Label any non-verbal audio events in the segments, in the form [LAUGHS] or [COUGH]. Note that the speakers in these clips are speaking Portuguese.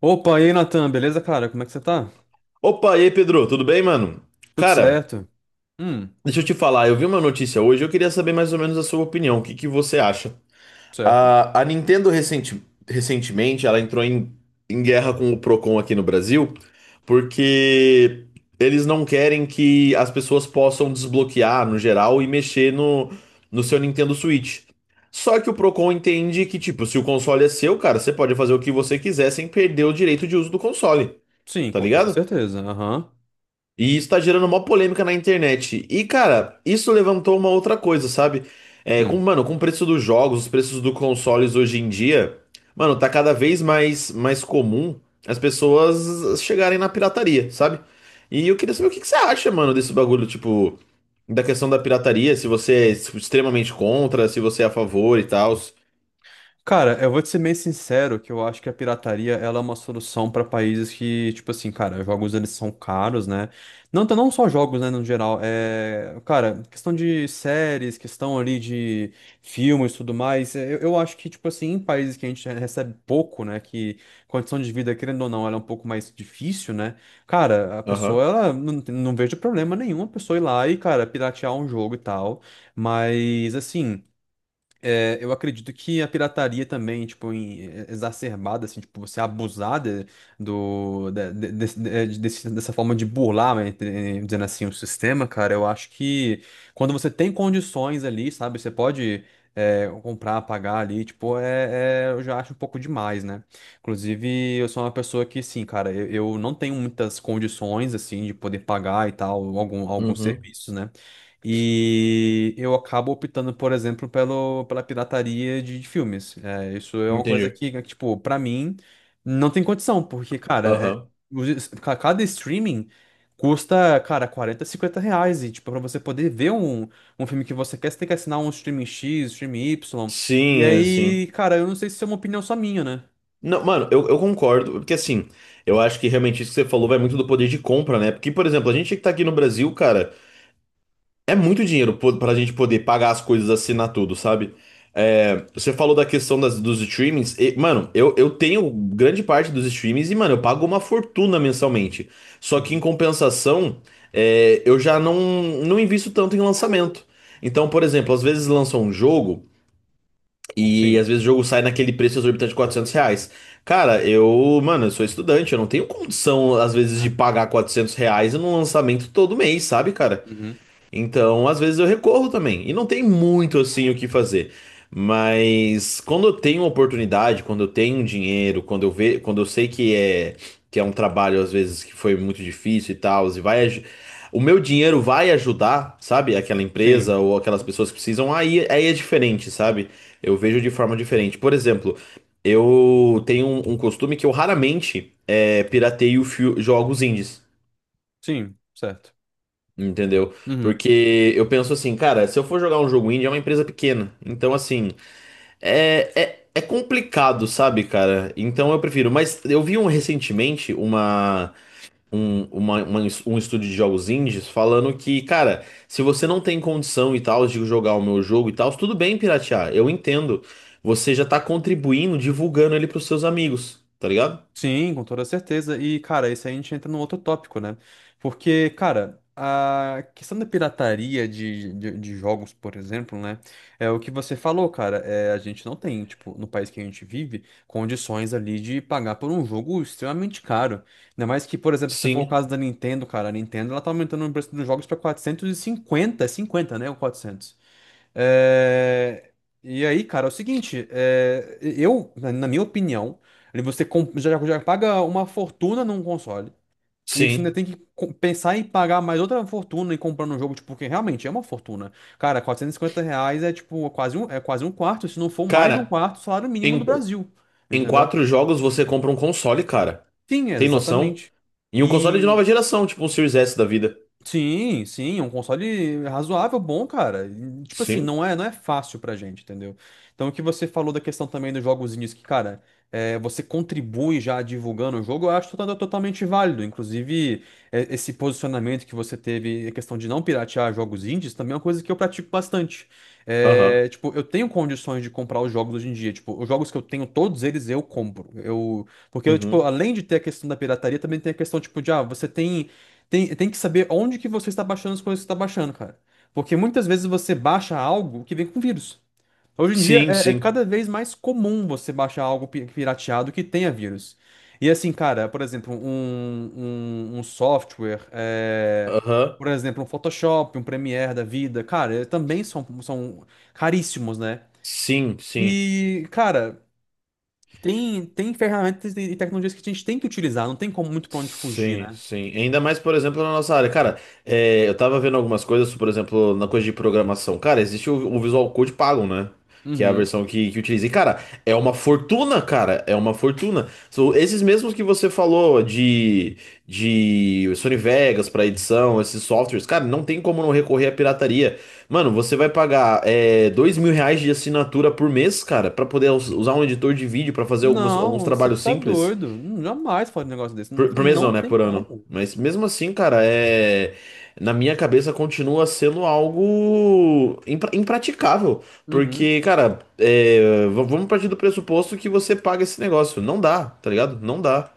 Opa, e aí, Natan, beleza, cara? Como é que você tá? Opa, e aí, Pedro, tudo bem, mano? Tudo Cara, certo? Hum, deixa eu te falar, eu vi uma notícia hoje, eu queria saber mais ou menos a sua opinião, o que que você acha? certo. A Nintendo recentemente, ela entrou em guerra com o Procon aqui no Brasil, porque eles não querem que as pessoas possam desbloquear, no geral, e mexer no seu Nintendo Switch. Só que o Procon entende que, tipo, se o console é seu, cara, você pode fazer o que você quiser sem perder o direito de uso do console, Sim, tá com toda ligado? certeza. Aham. E isso tá gerando uma polêmica na internet. E, cara, isso levantou uma outra coisa, sabe? É, com, Hum. mano, com o preço dos jogos, os preços dos consoles hoje em dia, mano, tá cada vez mais comum as pessoas chegarem na pirataria, sabe? E eu queria saber o que que você acha, mano, desse bagulho, tipo, da questão da pirataria, se você é tipo, extremamente contra, se você é a favor e tal. Cara, eu vou te ser meio sincero que eu acho que a pirataria ela é uma solução para países que, tipo assim, cara, jogos eles são caros, né? Não, não só jogos, né, no geral. É, cara, questão de séries, questão ali de filmes e tudo mais. Eu acho que, tipo assim, em países que a gente recebe pouco, né, que condição de vida, querendo ou não, ela é um pouco mais difícil, né? Cara, a pessoa, Aham. ela não, não vejo problema nenhum a pessoa ir lá e, cara, piratear um jogo e tal. Mas, assim. É, eu acredito que a pirataria também, tipo, exacerbada, assim, tipo, você abusada do, da- de- desse- eh, de- é, desse- dessa forma de burlar, né, dizendo assim, o sistema, cara, eu acho que quando você tem condições ali, sabe, você pode comprar, pagar ali, tipo, eu já acho um pouco demais, né? Inclusive, eu sou uma pessoa que, sim, cara, eu não tenho muitas condições, assim, de poder pagar e tal, alguns Uhum. serviços, né? E eu acabo optando, por exemplo, pela pirataria de filmes. É, isso é uma coisa Entendi. Que, tipo, pra mim, não tem condição, porque, cara, Aham. Cada streaming custa, cara, 40 50 reais. E, tipo, pra você poder ver um filme que você quer, você tem que assinar um streaming X, streaming Y. E Sim, é assim. aí, cara, eu não sei se isso é uma opinião só minha, né? Não, mano, eu concordo, porque assim, eu acho que realmente isso que você falou vai muito do poder de compra, né? Porque, por exemplo, a gente que tá aqui no Brasil, cara, é muito dinheiro pra gente poder pagar as coisas, assinar tudo, sabe? É, você falou da questão dos streamings, e, mano, eu tenho grande parte dos streamings e, mano, eu pago uma fortuna mensalmente. Só que em Uhum. compensação, eu já não invisto tanto em lançamento. Então, por exemplo, às vezes lança um jogo. E Sim. às vezes o jogo sai naquele preço exorbitante de R$ 400. Cara, mano, eu sou estudante, eu não tenho condição, às vezes, de pagar R$ 400 num lançamento todo mês, sabe, cara? Uhum. Então, às vezes eu recorro também. E não tem muito assim o que fazer. Mas quando eu tenho oportunidade, quando eu tenho dinheiro, quando eu sei que é um trabalho às vezes que foi muito difícil e tal, o meu dinheiro vai ajudar, sabe? Aquela Sim. empresa ou aquelas Uhum. pessoas que precisam, aí é diferente, sabe? Eu vejo de forma diferente. Por exemplo, eu tenho um costume que eu raramente pirateio jogos indies. Sim, certo. Entendeu? Uhum. Porque eu penso assim, cara, se eu for jogar um jogo indie, é uma empresa pequena. Então, assim, é complicado, sabe, cara? Então eu prefiro. Mas eu vi um recentemente uma- um estúdio de jogos indies falando que, cara, se você não tem condição e tal de jogar o meu jogo e tal, tudo bem piratear, eu entendo. Você já tá contribuindo, divulgando ele pros seus amigos, tá ligado? Sim, com toda certeza. E, cara, isso aí a gente entra num outro tópico, né? Porque, cara, a questão da pirataria de jogos, por exemplo, né? É o que você falou, cara. É, a gente não tem, tipo, no país que a gente vive, condições ali de pagar por um jogo extremamente caro. Ainda mais que, por exemplo, se for o Sim, caso da Nintendo, cara, a Nintendo ela tá aumentando o preço dos jogos pra 450, é 50 né? Ou quatrocentos. é, E aí, cara, é o seguinte, eu, na minha opinião, ali já paga uma fortuna num console e você ainda sim. tem que pensar em pagar mais outra fortuna e comprar um jogo, tipo, porque realmente é uma fortuna. Cara, 450 reais é tipo quase um, é quase um quarto, se não for mais de um Cara. quarto, do salário mínimo do Brasil, Em entendeu? quatro jogos você compra um console, cara. Sim, é, Tem noção? exatamente. E um console de nova geração, tipo um Series S da vida. Sim, sim, é um console razoável, bom, cara. E, tipo assim, Sim? não é, não é fácil pra gente, entendeu? Então, o que você falou da questão também dos jogozinhos que, cara, você contribui já divulgando o jogo, eu acho totalmente válido. Inclusive, esse posicionamento que você teve, a questão de não piratear jogos indies, também é uma coisa que eu pratico bastante. Aham. É, tipo, eu tenho condições de comprar os jogos hoje em dia. Tipo, os jogos que eu tenho, todos eles eu compro. Eu, porque, eu, tipo, Uhum. além de ter a questão da pirataria, também tem a questão, tipo, de, ah, você tem. Tem que saber onde que você está baixando as coisas que você está baixando, cara. Porque muitas vezes você baixa algo que vem com vírus. Hoje em dia Sim, é sim. cada vez mais comum você baixar algo pirateado que tenha vírus. E assim, cara, por exemplo, um software, Aham. por exemplo, um Photoshop, um Premiere da vida, cara, também são caríssimos, né? Sim, sim. E, cara, tem ferramentas e tecnologias que a gente tem que utilizar, não tem como muito pra onde fugir, Sim, né? sim. Ainda mais, por exemplo, na nossa área. Cara, eu tava vendo algumas coisas, por exemplo, na coisa de programação. Cara, existe o Visual Code pago, né? Que é a Uhum. versão que utiliza. E, cara, é uma fortuna, cara. É uma fortuna. São esses mesmos que você falou de Sony Vegas pra edição, esses softwares. Cara, não tem como não recorrer à pirataria. Mano, você vai pagar R$ 2.000 de assinatura por mês, cara, pra poder usar um editor de vídeo pra fazer alguns Não, você trabalhos tá simples. doido. Não, jamais falar de um negócio desse. Não, Por, cara, por mês não não, né? tem Por ano. como. Mas mesmo assim, cara. Na minha cabeça continua sendo algo impraticável. Uhum. Porque, cara, vamos partir do pressuposto que você paga esse negócio. Não dá, tá ligado? Não dá.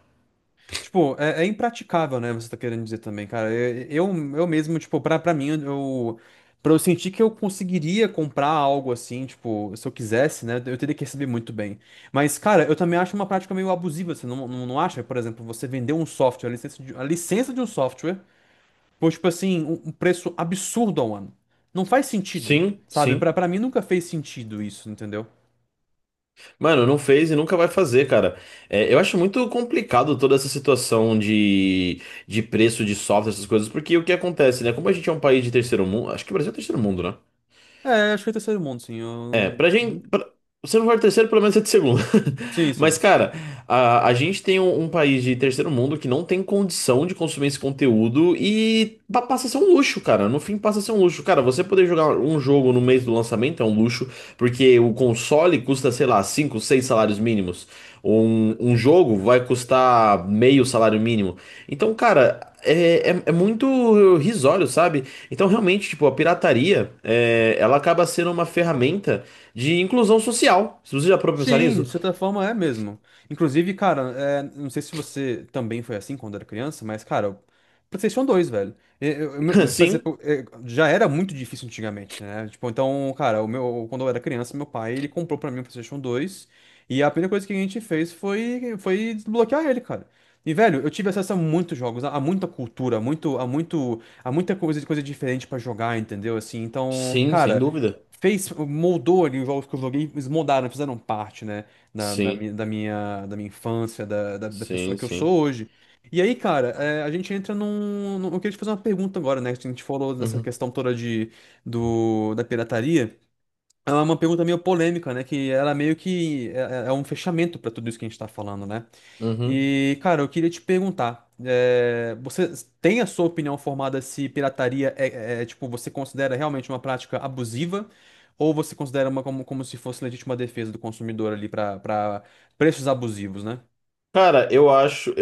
Tipo, é impraticável, né? Você tá querendo dizer também, cara. Eu mesmo, tipo, pra mim, eu, pra eu sentir que eu conseguiria comprar algo assim, tipo, se eu quisesse, né? Eu teria que receber muito bem. Mas, cara, eu também acho uma prática meio abusiva. Você não, não, não acha? Por exemplo, você vender um software, a licença de um software, por, tipo assim, um preço absurdo ao ano. Não faz sentido, Sim, sabe? Sim. Pra mim nunca fez sentido isso, entendeu? Mano, não fez e nunca vai fazer, cara. É, eu acho muito complicado toda essa situação de preço de software, essas coisas, porque o que acontece, né? Como a gente é um país de terceiro mundo, acho que o Brasil é terceiro mundo, né? É, acho que é terceiro mundo, sim. Eu... É, não- pra Uhum. gente. Se não for terceiro, pelo menos é de segundo. Sim, [LAUGHS] Mas, sim. cara, a gente tem um país de terceiro mundo que não tem condição de consumir esse conteúdo e passa a ser um luxo, cara. No fim, passa a ser um luxo. Cara, você poder jogar um jogo no mês do lançamento é um luxo, porque o console custa, sei lá, 5 6 salários mínimos. Um jogo vai custar meio salário mínimo. Então, cara. É muito risório, sabe? Então, realmente, tipo, a pirataria, ela acaba sendo uma ferramenta de inclusão social. Se você já parou pra pensar Sim, nisso? de certa forma é mesmo. Inclusive, cara, não sei se você também foi assim quando era criança, mas, cara, o PlayStation 2 velho. Eu, eu- [LAUGHS] meu- por Sim, exemplo, já era muito difícil antigamente, né? Tipo, então, cara, o meu, quando eu era criança, meu pai, ele comprou pra mim o PlayStation 2 e a primeira coisa que a gente fez foi, desbloquear ele, cara. E, velho, eu tive acesso a muitos jogos, a muita cultura, a muito, a muito, a muita coisa, coisa diferente pra jogar, entendeu? Assim, então, sim, sem cara. dúvida. Fez, moldou ali os jogos que eu joguei, eles moldaram, fizeram parte, né, Sim, da minha infância, da pessoa sim, que eu sim. sou hoje. E aí, cara, a gente entra Eu queria te fazer uma pergunta agora, né? Que a gente falou dessa Uhum, questão toda da pirataria. É uma pergunta meio polêmica, né? Que ela meio que é um fechamento pra tudo isso que a gente tá falando, né? uhum. E, cara, eu queria te perguntar, você tem a sua opinião formada se pirataria é, tipo, você considera realmente uma prática abusiva ou você considera uma como se fosse legítima defesa do consumidor ali para preços abusivos, né? Cara, eu acho.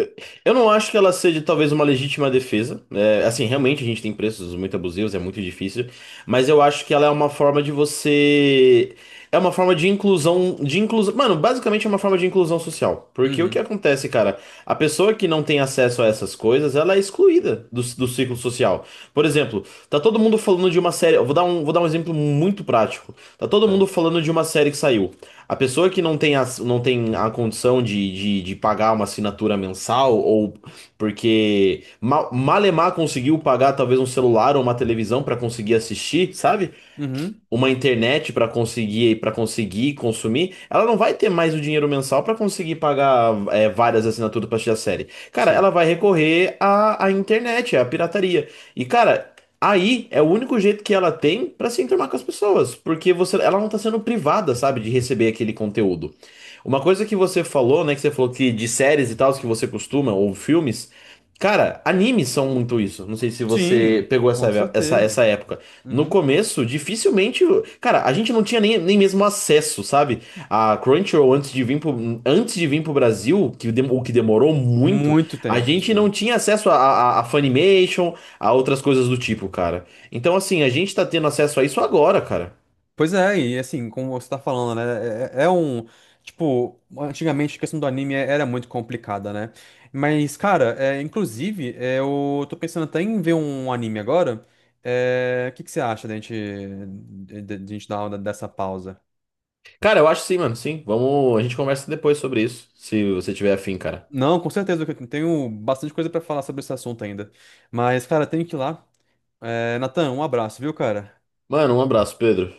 Eu não acho que ela seja talvez uma legítima defesa, né? Assim, realmente a gente tem preços muito abusivos, é muito difícil. Mas eu acho que ela é uma forma de você. É uma forma de inclusão. De inclusão. Mano, basicamente é uma forma de inclusão social. Porque o que Uhum, acontece, cara? A pessoa que não tem acesso a essas coisas, ela é excluída do ciclo social. Por exemplo, tá todo mundo falando de uma série. Eu vou dar um exemplo muito prático. Tá todo mundo certo. falando de uma série que saiu. A pessoa que não tem a condição de pagar uma assinatura mensal, ou porque Malemar conseguiu pagar talvez um celular ou uma televisão para conseguir assistir, sabe? Uhum, Uma internet para conseguir consumir, ela não vai ter mais o dinheiro mensal para conseguir pagar várias assinaturas para assistir a série. Cara, sim. ela vai recorrer à internet, à pirataria. E, cara, aí é o único jeito que ela tem para se enturmar com as pessoas, porque ela não tá sendo privada, sabe, de receber aquele conteúdo. Uma coisa que você falou, né, que você falou que de séries e tal, que você costuma, ou filmes, cara, animes são muito isso. Não sei se você Sim, pegou essa, com essa, certeza. essa época. No Uhum. começo, dificilmente. Cara, a gente não tinha nem mesmo acesso, sabe? A Crunchyroll, antes de vir pro Brasil, o que demorou muito, Muito a tempo, gente sim. não tinha acesso a Funimation, a outras coisas do tipo, cara. Então, assim, a gente tá tendo acesso a isso agora, cara. Pois é, e assim, como você tá falando, né? É, é um. Tipo, antigamente a questão do anime era muito complicada, né? Mas, cara, inclusive, eu tô pensando até em ver um anime agora. É, o que que você acha da gente, de gente dar uma dessa pausa? Cara, eu acho sim, mano, sim. Vamos. A gente conversa depois sobre isso, se você tiver afim, cara. Não, com certeza, que eu tenho bastante coisa pra falar sobre esse assunto ainda. Mas, cara, tenho que ir lá. É, Natan, um abraço, viu, cara? Mano, um abraço, Pedro.